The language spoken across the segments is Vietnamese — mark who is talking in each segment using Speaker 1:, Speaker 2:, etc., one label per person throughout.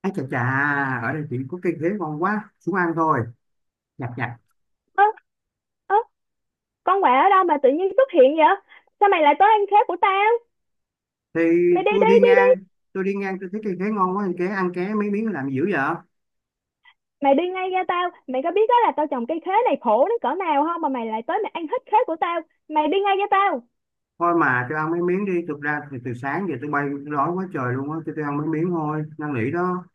Speaker 1: Ăn chà chà, ở đây chỉ có cây khế ngon quá, xuống ăn thôi, nhặt nhặt.
Speaker 2: Ơ ơ, con quạ ở đâu mà tự nhiên xuất hiện vậy? Sao mày lại tới ăn khế của tao?
Speaker 1: Thì
Speaker 2: Mày đi
Speaker 1: tôi
Speaker 2: đi
Speaker 1: đi
Speaker 2: đi
Speaker 1: ngang,
Speaker 2: đi.
Speaker 1: tôi thấy cây khế ngon quá, thì ké ăn ké mấy miếng làm gì dữ vậy?
Speaker 2: Mày đi ngay ra, tao mày có biết đó là tao trồng cây khế này khổ đến cỡ nào không mà mày lại tới mày ăn hết khế của tao? Mày đi ngay ra tao.
Speaker 1: Thôi mà tôi ăn mấy miếng đi, thực ra thì từ sáng giờ tôi bay tôi đói quá trời luôn á, tôi ăn mấy miếng thôi, năn nỉ đó.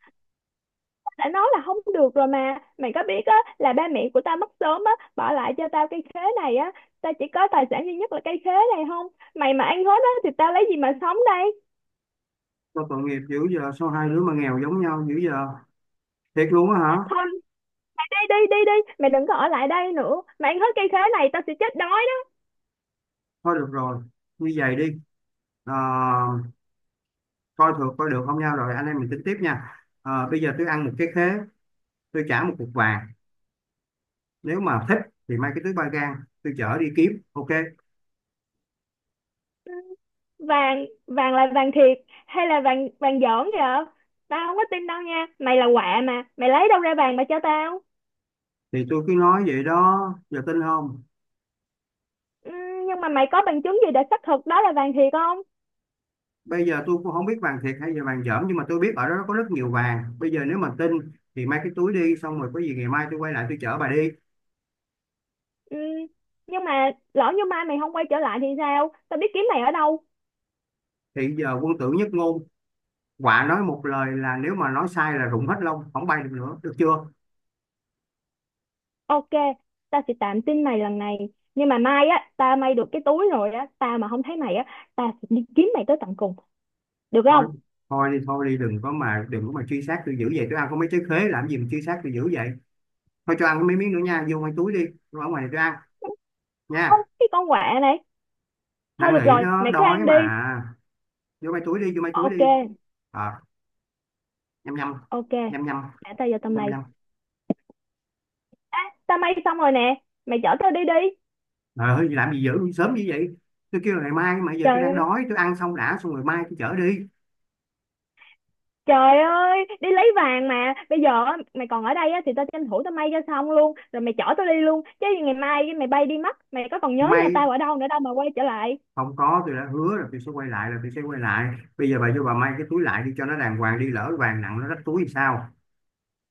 Speaker 2: Tao đã nói là không được rồi mà, mày có biết á là ba mẹ của tao mất sớm á, bỏ lại cho tao cây khế này á. Tao chỉ có tài sản duy nhất là cây khế này không, mày mà ăn hết á thì tao lấy gì mà sống đây?
Speaker 1: Tôi tội nghiệp dữ giờ, sao hai đứa mà nghèo giống nhau dữ giờ? Thiệt luôn á hả?
Speaker 2: Thôi đi đi đi đi, mày đừng có ở lại đây nữa, mày ăn hết cây khế này tao sẽ chết đói.
Speaker 1: Thôi được rồi, như vậy đi. Ờ, coi thường coi được không nhau rồi anh em mình tính tiếp nha. Ờ, bây giờ tôi ăn một cái khế, tôi trả một cục vàng. Nếu mà thích thì mang cái túi ba gang tôi chở đi kiếm, ok?
Speaker 2: Vàng, vàng là vàng thiệt hay là vàng vàng giỡn vậy? Tao không có tin đâu nha, mày là quạ mà mày lấy đâu ra vàng mà cho tao?
Speaker 1: Thì tôi cứ nói vậy đó, giờ tin không?
Speaker 2: Ừm, nhưng mà mày có bằng chứng gì để xác thực đó là vàng thiệt không?
Speaker 1: Bây giờ tôi cũng không biết vàng thiệt hay là vàng dởm, nhưng mà tôi biết ở đó có rất nhiều vàng. Bây giờ nếu mà tin thì mang cái túi đi, xong rồi có gì ngày mai tôi quay lại tôi chở bà đi.
Speaker 2: Ừm, nhưng mà lỡ như mai mày không quay trở lại thì sao tao biết kiếm mày ở đâu?
Speaker 1: Thì giờ quân tử nhất ngôn, quả nói một lời, là nếu mà nói sai là rụng hết lông không bay được nữa, được chưa?
Speaker 2: Ok, tao sẽ tạm tin mày lần này, nhưng mà mai á tao may được cái túi rồi á, tao mà không thấy mày á tao sẽ đi kiếm mày tới tận cùng, được
Speaker 1: thôi
Speaker 2: không?
Speaker 1: thôi đi thôi đi đừng có mà truy sát tôi dữ vậy, tôi ăn có mấy trái khế làm gì mà truy sát tôi dữ vậy? Thôi cho ăn có mấy miếng nữa nha, vô ngoài túi đi, tôi ở ngoài này tôi ăn
Speaker 2: Không,
Speaker 1: nha.
Speaker 2: cái con quạ này, thôi
Speaker 1: Năn
Speaker 2: được
Speaker 1: nỉ,
Speaker 2: rồi
Speaker 1: nó
Speaker 2: mày cứ
Speaker 1: đói
Speaker 2: ăn đi.
Speaker 1: mà. vô mấy túi đi vô mấy túi
Speaker 2: Ok,
Speaker 1: đi Ờ, nhăm nhăm.
Speaker 2: ok,
Speaker 1: Nhăm nhăm.
Speaker 2: để tao vô tao
Speaker 1: Nhăm
Speaker 2: may.
Speaker 1: nhăm.
Speaker 2: Tao may xong rồi nè, mày chở tao đi đi.
Speaker 1: Ờ, làm gì dữ sớm như vậy, tôi kêu là ngày mai mà, giờ tôi
Speaker 2: Trời
Speaker 1: đang
Speaker 2: ơi,
Speaker 1: đói tôi ăn xong đã, xong rồi mai tôi chở đi.
Speaker 2: trời ơi đi lấy vàng mà bây giờ á, mày còn ở đây á thì tao tranh thủ tao may cho xong luôn rồi mày chở tao đi luôn, chứ ngày mai mày bay đi mất mày có còn nhớ nhà
Speaker 1: May,
Speaker 2: tao ở đâu nữa đâu mà quay trở lại?
Speaker 1: không có, tôi đã hứa là tôi sẽ quay lại là tôi sẽ quay lại. Bây giờ bà vô bà may cái túi lại đi cho nó đàng hoàng đi, lỡ vàng nặng nó rách túi thì sao?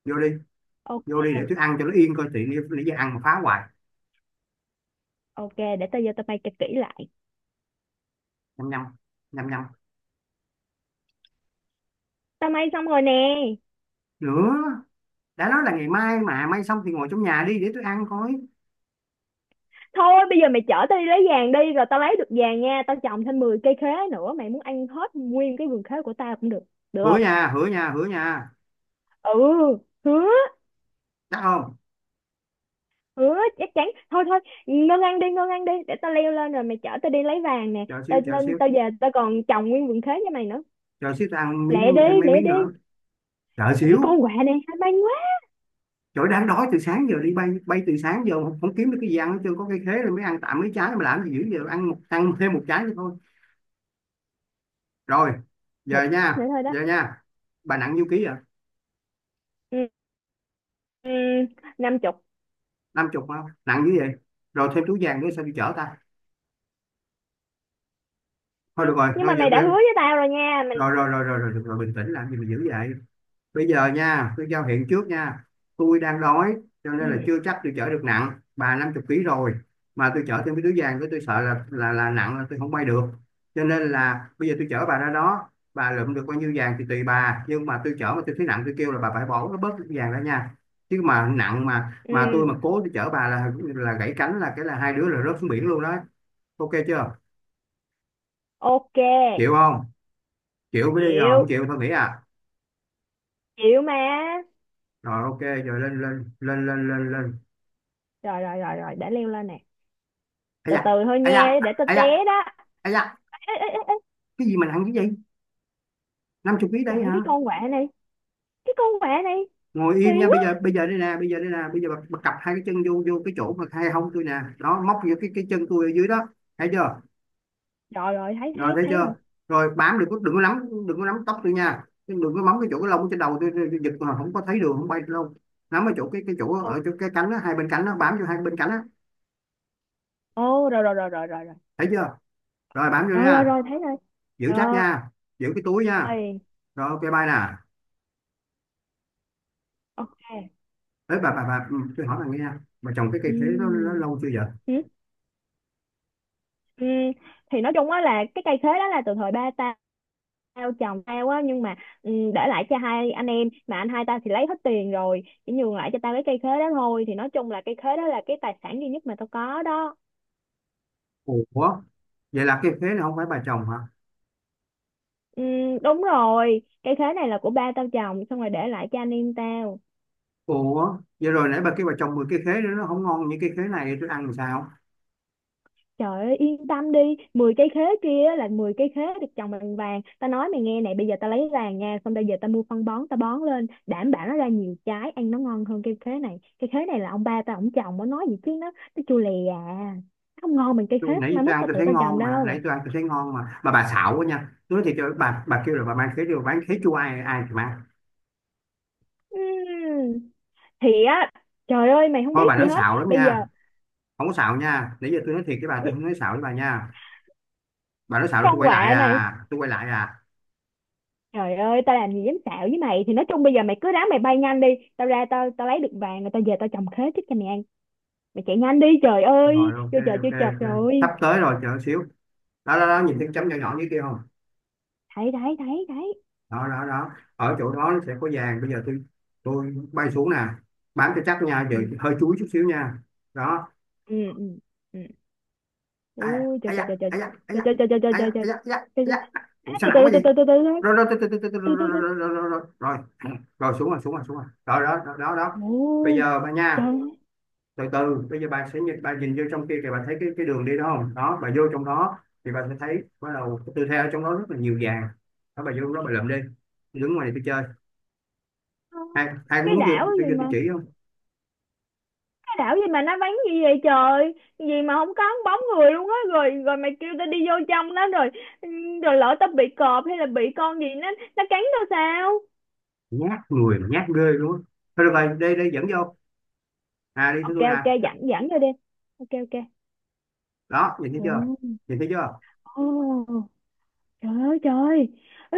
Speaker 1: vô đi
Speaker 2: Ô-
Speaker 1: vô đi để tôi ăn cho nó yên coi tiện đi, nãy giờ ăn mà phá hoài.
Speaker 2: ok, để tao vô tao may cho kỹ lại.
Speaker 1: Nhăm nhăm. Nhăm nhăm.
Speaker 2: Tao may xong rồi nè.
Speaker 1: Nữa? Đã nói là ngày mai mà, may xong thì ngồi trong nhà đi để tôi ăn coi.
Speaker 2: Thôi bây giờ mày chở tao đi lấy vàng đi, rồi tao lấy được vàng nha tao trồng thêm 10 cây khế nữa, mày muốn ăn hết nguyên cái vườn khế của tao cũng được, được
Speaker 1: hứa
Speaker 2: không?
Speaker 1: nha hứa nha hứa nha
Speaker 2: Ừ.
Speaker 1: Chắc không?
Speaker 2: Ừ, chắc chắn. Thôi thôi, ngân ăn đi, ngân ăn đi. Để tao leo lên rồi mày chở tao đi lấy vàng nè.
Speaker 1: chờ xíu
Speaker 2: Tao
Speaker 1: chờ
Speaker 2: lên
Speaker 1: xíu
Speaker 2: tao về tao còn trồng nguyên vườn khế cho mày nữa.
Speaker 1: chờ xíu ta ăn miếng,
Speaker 2: Lẹ đi,
Speaker 1: thêm mấy
Speaker 2: lẹ
Speaker 1: miếng
Speaker 2: đi.
Speaker 1: nữa. Chờ
Speaker 2: Trời, cái
Speaker 1: xíu.
Speaker 2: con quạ này hay mang quá.
Speaker 1: Trời, đang đói từ sáng giờ, đi bay bay từ sáng giờ không kiếm được cái gì ăn hết trơn, có cây khế rồi mới ăn tạm mấy trái mà làm gì dữ giờ, ăn một, ăn thêm một trái nữa thôi. Rồi, giờ
Speaker 2: Một
Speaker 1: nha,
Speaker 2: nữa thôi đó.
Speaker 1: giờ nha, bà nặng nhiêu ký vậy?
Speaker 2: Ừ, ừ, 50.
Speaker 1: Năm chục không nặng như vậy, rồi thêm túi vàng nữa sao đi chở ta?
Speaker 2: Ừ,
Speaker 1: Thôi được rồi,
Speaker 2: nhưng mà
Speaker 1: thôi giờ
Speaker 2: mày đã hứa
Speaker 1: rồi.
Speaker 2: với tao rồi nha mình.
Speaker 1: Rồi, được rồi rồi, bình tĩnh làm gì mà dữ vậy? Bây giờ nha, tôi giao hẹn trước nha, tôi đang đói, cho
Speaker 2: Ừ,
Speaker 1: nên là chưa chắc tôi chở được, nặng bà 50 ký rồi mà tôi chở thêm cái túi vàng cái tôi sợ là nặng là tôi không bay được. Cho nên là bây giờ tôi chở bà ra đó, bà lượm được bao nhiêu vàng thì tùy bà, nhưng mà tôi chở mà tôi thấy nặng tôi kêu là bà phải bỏ bớt cái vàng ra nha, chứ mà nặng mà tôi
Speaker 2: ừ,
Speaker 1: mà cố tôi chở bà là gãy cánh là cái là hai đứa là rớt xuống biển luôn đó. Ok chưa?
Speaker 2: ok.
Speaker 1: Chịu không? Chịu mới đi, rồi
Speaker 2: Chịu.
Speaker 1: không chịu thôi nghỉ à.
Speaker 2: Chịu mà.
Speaker 1: Rồi ok, rồi lên lên lên lên lên lên.
Speaker 2: Rồi rồi rồi rồi, để leo lên nè.
Speaker 1: Ấy
Speaker 2: Từ từ
Speaker 1: da.
Speaker 2: thôi
Speaker 1: Ấy
Speaker 2: nha,
Speaker 1: da.
Speaker 2: để tao
Speaker 1: Ấy da.
Speaker 2: té đó.
Speaker 1: À dạ,
Speaker 2: Ê, ê, ê, ê.
Speaker 1: cái gì mà nặng cái gì? 50 ký đấy
Speaker 2: Trời,
Speaker 1: hả?
Speaker 2: cái con quạ này. Cái con quạ này
Speaker 1: Ngồi
Speaker 2: kỳ
Speaker 1: im nha, bây giờ
Speaker 2: quá.
Speaker 1: bây giờ đây nè, bây giờ đây nè, bây giờ bà cặp hai cái chân vô vô cái chỗ mà hai hông tôi nè. Đó, móc vô cái chân tôi ở dưới đó. Thấy chưa?
Speaker 2: Rồi rồi, thấy
Speaker 1: Rồi
Speaker 2: thấy
Speaker 1: thấy
Speaker 2: thấy rồi.
Speaker 1: chưa? Rồi bám được, có đừng có nắm, đừng có nắm tóc tôi nha. Đừng có móng cái chỗ cái lông trên đầu tôi, tôi giật mà không có thấy đường không bay được đâu. Nắm ở chỗ cái chỗ
Speaker 2: Ok.
Speaker 1: ở chỗ cái cánh đó, hai bên cánh đó, bám vô hai bên cánh đó.
Speaker 2: Ồ, rồi rồi rồi rồi rồi rồi
Speaker 1: Thấy chưa? Rồi bám vô
Speaker 2: rồi rồi
Speaker 1: nha.
Speaker 2: rồi, thấy rồi.
Speaker 1: Giữ chắc
Speaker 2: Rồi
Speaker 1: nha. Giữ cái túi nha. Rồi ok, bye nè.
Speaker 2: ok.
Speaker 1: Đấy bà ừ, tôi hỏi bà nghe nha. Bà trồng cái cây khế nó
Speaker 2: Ừ,
Speaker 1: lâu chưa vậy?
Speaker 2: ừ. Ừm, thì nói chung á là cái cây khế đó là từ thời ba tao, tao chồng tao á, nhưng mà để lại cho hai anh em, mà anh hai tao thì lấy hết tiền rồi chỉ nhường lại cho tao cái cây khế đó thôi, thì nói chung là cây khế đó là cái tài sản duy nhất mà tao có đó.
Speaker 1: Ủa, vậy là cái khế này không phải bà trồng hả?
Speaker 2: Đúng rồi, cây khế này là của ba tao trồng xong rồi để lại cho anh em tao.
Speaker 1: Ủa vậy rồi nãy bà kêu bà trồng 10 cái khế nữa nó không ngon như cái khế này tôi ăn làm sao?
Speaker 2: Trời ơi yên tâm đi, 10 cây khế kia á là 10 cây khế được trồng bằng vàng. Ta nói mày nghe này, bây giờ ta lấy vàng nha. Xong bây giờ ta mua phân bón ta bón lên, đảm bảo nó ra nhiều trái ăn nó ngon hơn cây khế này. Cây khế này là ông ba ta ổng trồng, nó nói gì chứ nó chua lè à. Nó không ngon bằng cây khế
Speaker 1: Tôi, nãy
Speaker 2: mai
Speaker 1: tôi
Speaker 2: mốt
Speaker 1: ăn
Speaker 2: ta
Speaker 1: tôi
Speaker 2: tự
Speaker 1: thấy
Speaker 2: ta trồng
Speaker 1: ngon mà nãy
Speaker 2: đâu.
Speaker 1: tôi ăn tôi thấy ngon mà, bà xạo quá nha, tôi nói thiệt cho bà kêu là bà mang khế đi bà bán khế chua ai ai thì mang.
Speaker 2: Ừm, Thì á trời ơi mày không
Speaker 1: Thôi
Speaker 2: biết
Speaker 1: bà
Speaker 2: gì
Speaker 1: nói
Speaker 2: hết.
Speaker 1: xạo lắm
Speaker 2: Bây giờ
Speaker 1: nha, không có xạo nha, nãy giờ tôi nói thiệt với bà tôi không nói xạo với bà nha. Bà nói xạo là tôi
Speaker 2: con
Speaker 1: quay lại
Speaker 2: quạ này,
Speaker 1: à, tôi quay lại à.
Speaker 2: trời ơi, tao làm gì dám xạo với mày. Thì nói chung bây giờ mày cứ ráng mày bay nhanh đi. Tao ra tao tao lấy được vàng. Rồi tao về tao trồng khế trước cho mày ăn. Mày chạy nhanh đi, trời ơi
Speaker 1: Rồi ok
Speaker 2: vô chợ chưa
Speaker 1: ok
Speaker 2: chập
Speaker 1: ok sắp
Speaker 2: rồi.
Speaker 1: tới rồi, chờ xíu. Đó đó đó, nhìn thấy cái chấm nhỏ nhỏ dưới kia không?
Speaker 2: Thấy thấy thấy thấy.
Speaker 1: Đó đó đó, ở chỗ đó nó sẽ có vàng, bây giờ tôi bay xuống nè, bám cho chắc nha, giờ
Speaker 2: Ừ
Speaker 1: hơi chúi chút xíu nha. Đó.
Speaker 2: ừ ừ ừ.
Speaker 1: À,
Speaker 2: Ui
Speaker 1: à
Speaker 2: trời trời
Speaker 1: da,
Speaker 2: trời trời
Speaker 1: à da, à da,
Speaker 2: trời trời trời trời
Speaker 1: à
Speaker 2: trời trời trời
Speaker 1: da, à da, à
Speaker 2: trời
Speaker 1: da,
Speaker 2: trời.
Speaker 1: à da.
Speaker 2: À,
Speaker 1: Ủa sao
Speaker 2: từ từ
Speaker 1: nặng quá gì.
Speaker 2: từ từ từ từ thôi,
Speaker 1: Rồi rồi rồi rồi rồi
Speaker 2: từ từ từ.
Speaker 1: rồi rồi rồi rồi rồi xuống rồi, xuống rồi, xuống rồi, rồi đó đó đó đó. Bây
Speaker 2: Ồ.
Speaker 1: giờ bà nha,
Speaker 2: Trời
Speaker 1: từ từ, bây giờ bà sẽ nhìn, bà nhìn vô trong kia kìa, bà thấy cái đường đi đó không? Đó bà vô trong đó thì bà sẽ thấy bắt đầu cái tư thế ở trong đó rất là nhiều vàng. Đó bà vô đó bà lượm đi, đứng ngoài này tôi chơi.
Speaker 2: ơi,
Speaker 1: Ai ai có
Speaker 2: cái
Speaker 1: muốn
Speaker 2: đảo gì
Speaker 1: vô tôi
Speaker 2: mà
Speaker 1: chỉ không?
Speaker 2: cái đảo gì mà nó vắng gì vậy trời, gì mà không có bóng người luôn á. Rồi rồi mày kêu tao đi vô trong đó rồi, ừ, rồi lỡ tao bị cọp hay là bị con gì nó cắn tao sao?
Speaker 1: Nhát người mà nhát ghê luôn á. Thôi được rồi, đi đi dẫn vô. À, đi theo
Speaker 2: Ok,
Speaker 1: tôi nè.
Speaker 2: ok, dẫn dẫn vô đi. Ok, ok.
Speaker 1: Đó, nhìn thấy chưa? Nhìn thấy chưa?
Speaker 2: Ồ. Trời ơi trời ơi. Ê,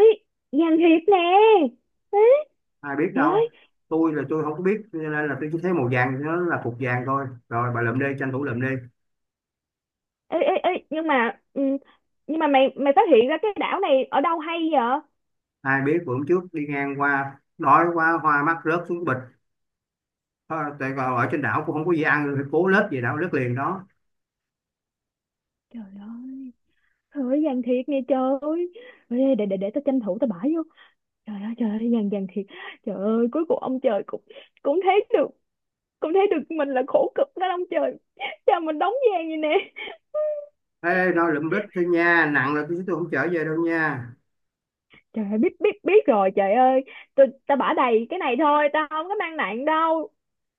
Speaker 2: Giang Hiệp nè. Ê,
Speaker 1: Ai biết
Speaker 2: trời
Speaker 1: đâu,
Speaker 2: ơi.
Speaker 1: tôi là tôi không có biết, cho nên là tôi chỉ thấy màu vàng nó là phục vàng thôi, rồi bà lượm đi, tranh thủ lượm đi.
Speaker 2: Ê, ê, ê, nhưng mà ừ, nhưng mà mày mày phát hiện ra cái đảo này ở đâu hay vậy?
Speaker 1: Ai biết, bữa hôm trước đi ngang qua đói quá hoa mắt rớt xuống bịch. Thôi, tại còn ở trên đảo cũng không có gì ăn, rồi cố lết về đảo lết liền đó.
Speaker 2: Trời ơi. Trời ơi Giang Thiệt nè trời ơi. Ê, để tao tranh thủ tao bãi vô. Trời ơi Giang Giang Thiệt. Trời ơi cuối cùng ông trời cũng cũng thấy được, mình là khổ cực đó ông trời. Cha mình đóng gian vậy nè.
Speaker 1: Ê, nó lượm lết thôi nha, nặng là tôi không trở về đâu nha.
Speaker 2: Trời ơi biết biết biết rồi trời ơi. Tao bả đầy cái này thôi, tao không có mang nặng đâu.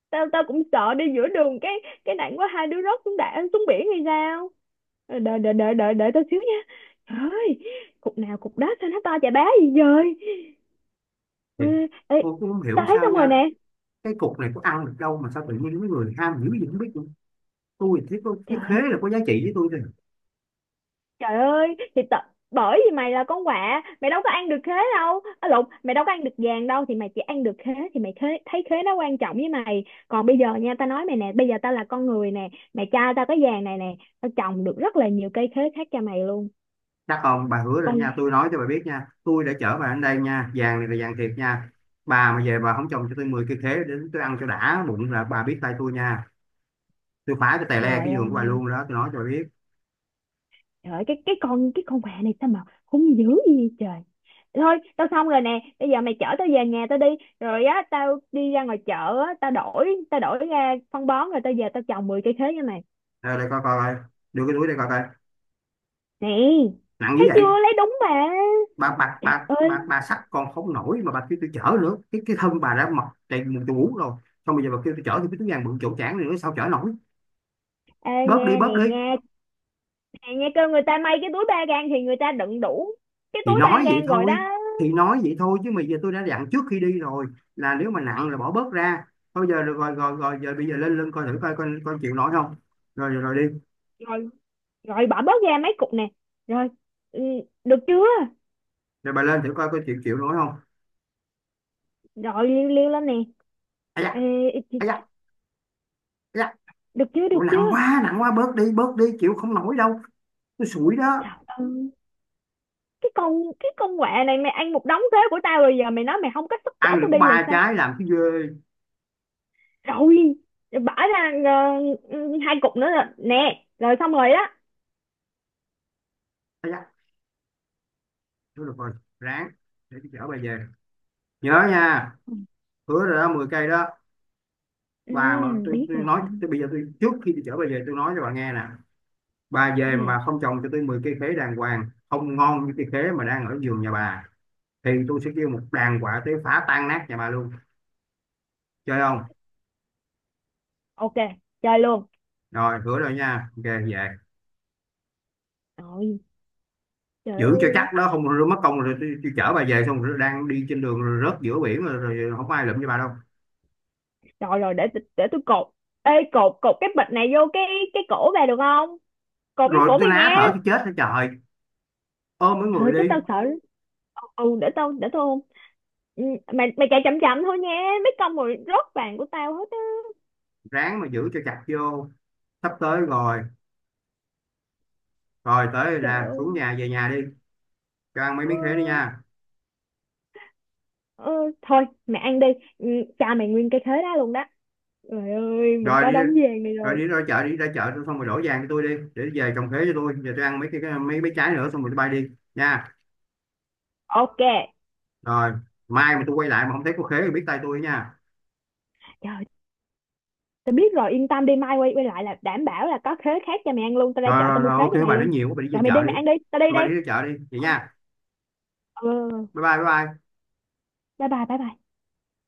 Speaker 2: Tao tao cũng sợ đi giữa đường cái, nặng quá hai đứa rớt xuống đạn xuống biển hay sao. Ờ, đợi đợi đợi đợi đợi tao xíu nha. Trời ơi, cục nào cục đó sao nó to chà bá gì vậy.
Speaker 1: Thì
Speaker 2: Ê, ê,
Speaker 1: tôi cũng không hiểu
Speaker 2: tao thấy
Speaker 1: sao
Speaker 2: xong rồi
Speaker 1: nha,
Speaker 2: nè.
Speaker 1: cái cục này có ăn được đâu mà sao tự nhiên mấy người ham dữ gì không biết, tôi thì có cái
Speaker 2: Trời
Speaker 1: khế
Speaker 2: ơi
Speaker 1: là có giá trị với tôi thôi.
Speaker 2: trời ơi thì tao bởi vì mày là con quạ mày đâu có ăn được khế đâu, à lộn, mày đâu có ăn được vàng đâu, thì mày chỉ ăn được khế thì mày khế, thấy khế nó quan trọng với mày, còn bây giờ nha tao nói mày nè, bây giờ tao là con người nè. Mày cho tao cái vàng này nè tao trồng được rất là nhiều cây khế khác cho mày luôn.
Speaker 1: Chắc không? Bà hứa rồi nha,
Speaker 2: Con,
Speaker 1: tôi nói cho bà biết nha, tôi đã chở bà đến đây nha, vàng này là vàng thiệt nha. Bà mà về bà không trồng cho tôi 10 cây khế đến tôi ăn cho đã bụng là bà biết tay tôi nha, tôi phá cho tè le
Speaker 2: trời
Speaker 1: cái giường của bà
Speaker 2: ơi.
Speaker 1: luôn đó, tôi nói cho bà biết.
Speaker 2: Trời ơi, cái con quà này sao mà hung dữ gì vậy trời. Thôi, tao xong rồi nè, bây giờ mày chở tao về nhà tao đi, rồi á tao đi ra ngoài chợ á, tao đổi ra phân bón rồi tao về tao trồng 10 cây khế cho mày.
Speaker 1: Đây, đây coi coi coi. Đưa cái túi đây coi coi
Speaker 2: Nè,
Speaker 1: nặng như
Speaker 2: thấy chưa,
Speaker 1: vậy.
Speaker 2: lấy đúng mà.
Speaker 1: bà bà
Speaker 2: Trời
Speaker 1: bà bà,
Speaker 2: ơi,
Speaker 1: bà xách còn không nổi mà bà kêu tôi chở nữa, cái thân bà đã mọc đầy mù chù rồi, xong bây giờ bà kêu tôi chở thì cái túi vàng bự chỗ chảng này nữa sao chở nổi?
Speaker 2: ê
Speaker 1: bớt
Speaker 2: nha
Speaker 1: đi bớt
Speaker 2: nè
Speaker 1: đi
Speaker 2: nha, nè nha, kêu người ta may cái túi ba gang thì người ta đựng đủ cái
Speaker 1: thì
Speaker 2: túi ba
Speaker 1: nói vậy
Speaker 2: gang rồi đó.
Speaker 1: thôi thì nói vậy thôi, chứ mà giờ tôi đã dặn trước khi đi rồi là nếu mà nặng là bỏ bớt ra. Thôi giờ được rồi rồi rồi, giờ bây giờ lên lên coi thử coi con chịu nổi không. Rồi rồi, rồi đi.
Speaker 2: Rồi rồi, bỏ bớt ra mấy cục nè. Rồi, ừ, được chưa?
Speaker 1: Rồi bà lên thử coi coi chịu chịu nổi không.
Speaker 2: Rồi liêu liêu lên nè.
Speaker 1: Ai da.
Speaker 2: Ê,
Speaker 1: Ai da. Ai da.
Speaker 2: được chưa,
Speaker 1: Ủa,
Speaker 2: được
Speaker 1: nặng
Speaker 2: chưa?
Speaker 1: quá, nặng quá, bớt đi, bớt đi, chịu không nổi đâu, tôi sủi đó.
Speaker 2: Trời ơi, cái con cái con quạ này mày ăn một đống thuế của tao rồi giờ mày nói mày không có sức chở
Speaker 1: Ăn được
Speaker 2: tao
Speaker 1: có
Speaker 2: đi là
Speaker 1: ba
Speaker 2: sao?
Speaker 1: trái làm cái ghê.
Speaker 2: Rồi, bỏ ra hai cục nữa là nè, rồi xong rồi đó.
Speaker 1: Ai da. Thôi được rồi, ráng, để tôi chở bà về, nhớ nha,
Speaker 2: Ừ,
Speaker 1: hứa rồi đó, 10 cây đó.
Speaker 2: ừ,
Speaker 1: Và mà tôi,
Speaker 2: biết
Speaker 1: tôi nói
Speaker 2: rồi.
Speaker 1: tôi, bây giờ tôi, trước khi tôi chở bà về tôi nói cho bà nghe nè, bà về mà
Speaker 2: Ừ,
Speaker 1: bà không trồng cho tôi 10 cây khế đàng hoàng không ngon như cây khế mà đang ở vườn nhà bà thì tôi sẽ kêu một đàn quả tới phá tan nát nhà bà luôn. Chơi không?
Speaker 2: ok, chơi luôn.
Speaker 1: Rồi hứa rồi nha, ok về.
Speaker 2: Rồi, trời
Speaker 1: Giữ cho
Speaker 2: ơi.
Speaker 1: chắc đó, không mất công rồi tôi chở bà về xong rồi đang đi trên đường rồi rớt giữa biển rồi, rồi không có ai lụm cho bà đâu.
Speaker 2: Rồi rồi, để tôi cột. Ê cột, cái bịch này vô cái, cổ về được không? Cột vô
Speaker 1: Rồi
Speaker 2: cổ
Speaker 1: tôi
Speaker 2: mày
Speaker 1: ná
Speaker 2: nha.
Speaker 1: thở tôi chết hết trời, ôm mấy
Speaker 2: Trời
Speaker 1: người
Speaker 2: ơi, chứ
Speaker 1: đi.
Speaker 2: tao sợ. Ừ, để tao ôm. Ừ, mày mày chạy chậm chậm thôi nha. Mấy con rồi rớt vàng của tao hết á.
Speaker 1: Ráng mà giữ cho chặt vô, sắp tới rồi. Rồi tới rồi
Speaker 2: Trời
Speaker 1: nè, xuống
Speaker 2: ơi.
Speaker 1: nhà, về nhà đi. Cho ăn mấy
Speaker 2: Ờ,
Speaker 1: miếng khế đi nha.
Speaker 2: ờ, thôi mẹ ăn đi. Ừ, cha mày nguyên cái khế đó luôn đó. Trời ơi mình
Speaker 1: rồi
Speaker 2: có
Speaker 1: đi
Speaker 2: đống vàng này
Speaker 1: rồi
Speaker 2: rồi.
Speaker 1: đi ra chợ, đi ra chợ xong rồi đổ vàng cho tôi đi, để về trồng khế cho tôi. Giờ tôi ăn mấy mấy mấy trái nữa xong rồi tôi bay đi nha.
Speaker 2: Ok.
Speaker 1: Rồi, mai mà tôi quay lại mà không thấy có khế thì biết tay tôi nha.
Speaker 2: Trời, tao biết rồi yên tâm đi, mai quay quay lại là đảm bảo là có khế khác cho mày ăn luôn, tao ra
Speaker 1: rồi
Speaker 2: chợ tao
Speaker 1: rồi,
Speaker 2: mua
Speaker 1: rồi
Speaker 2: khế
Speaker 1: ok,
Speaker 2: cho mày
Speaker 1: bà nói
Speaker 2: luôn.
Speaker 1: nhiều quá, bà đi về
Speaker 2: Rồi mày đi
Speaker 1: chợ đi.
Speaker 2: mày ăn đi tao đi
Speaker 1: Rồi bà
Speaker 2: đây.
Speaker 1: đi ra chợ đi vậy
Speaker 2: Ừ,
Speaker 1: nha.
Speaker 2: ừ,
Speaker 1: Bye bye bye bye.
Speaker 2: bye bye bye bye.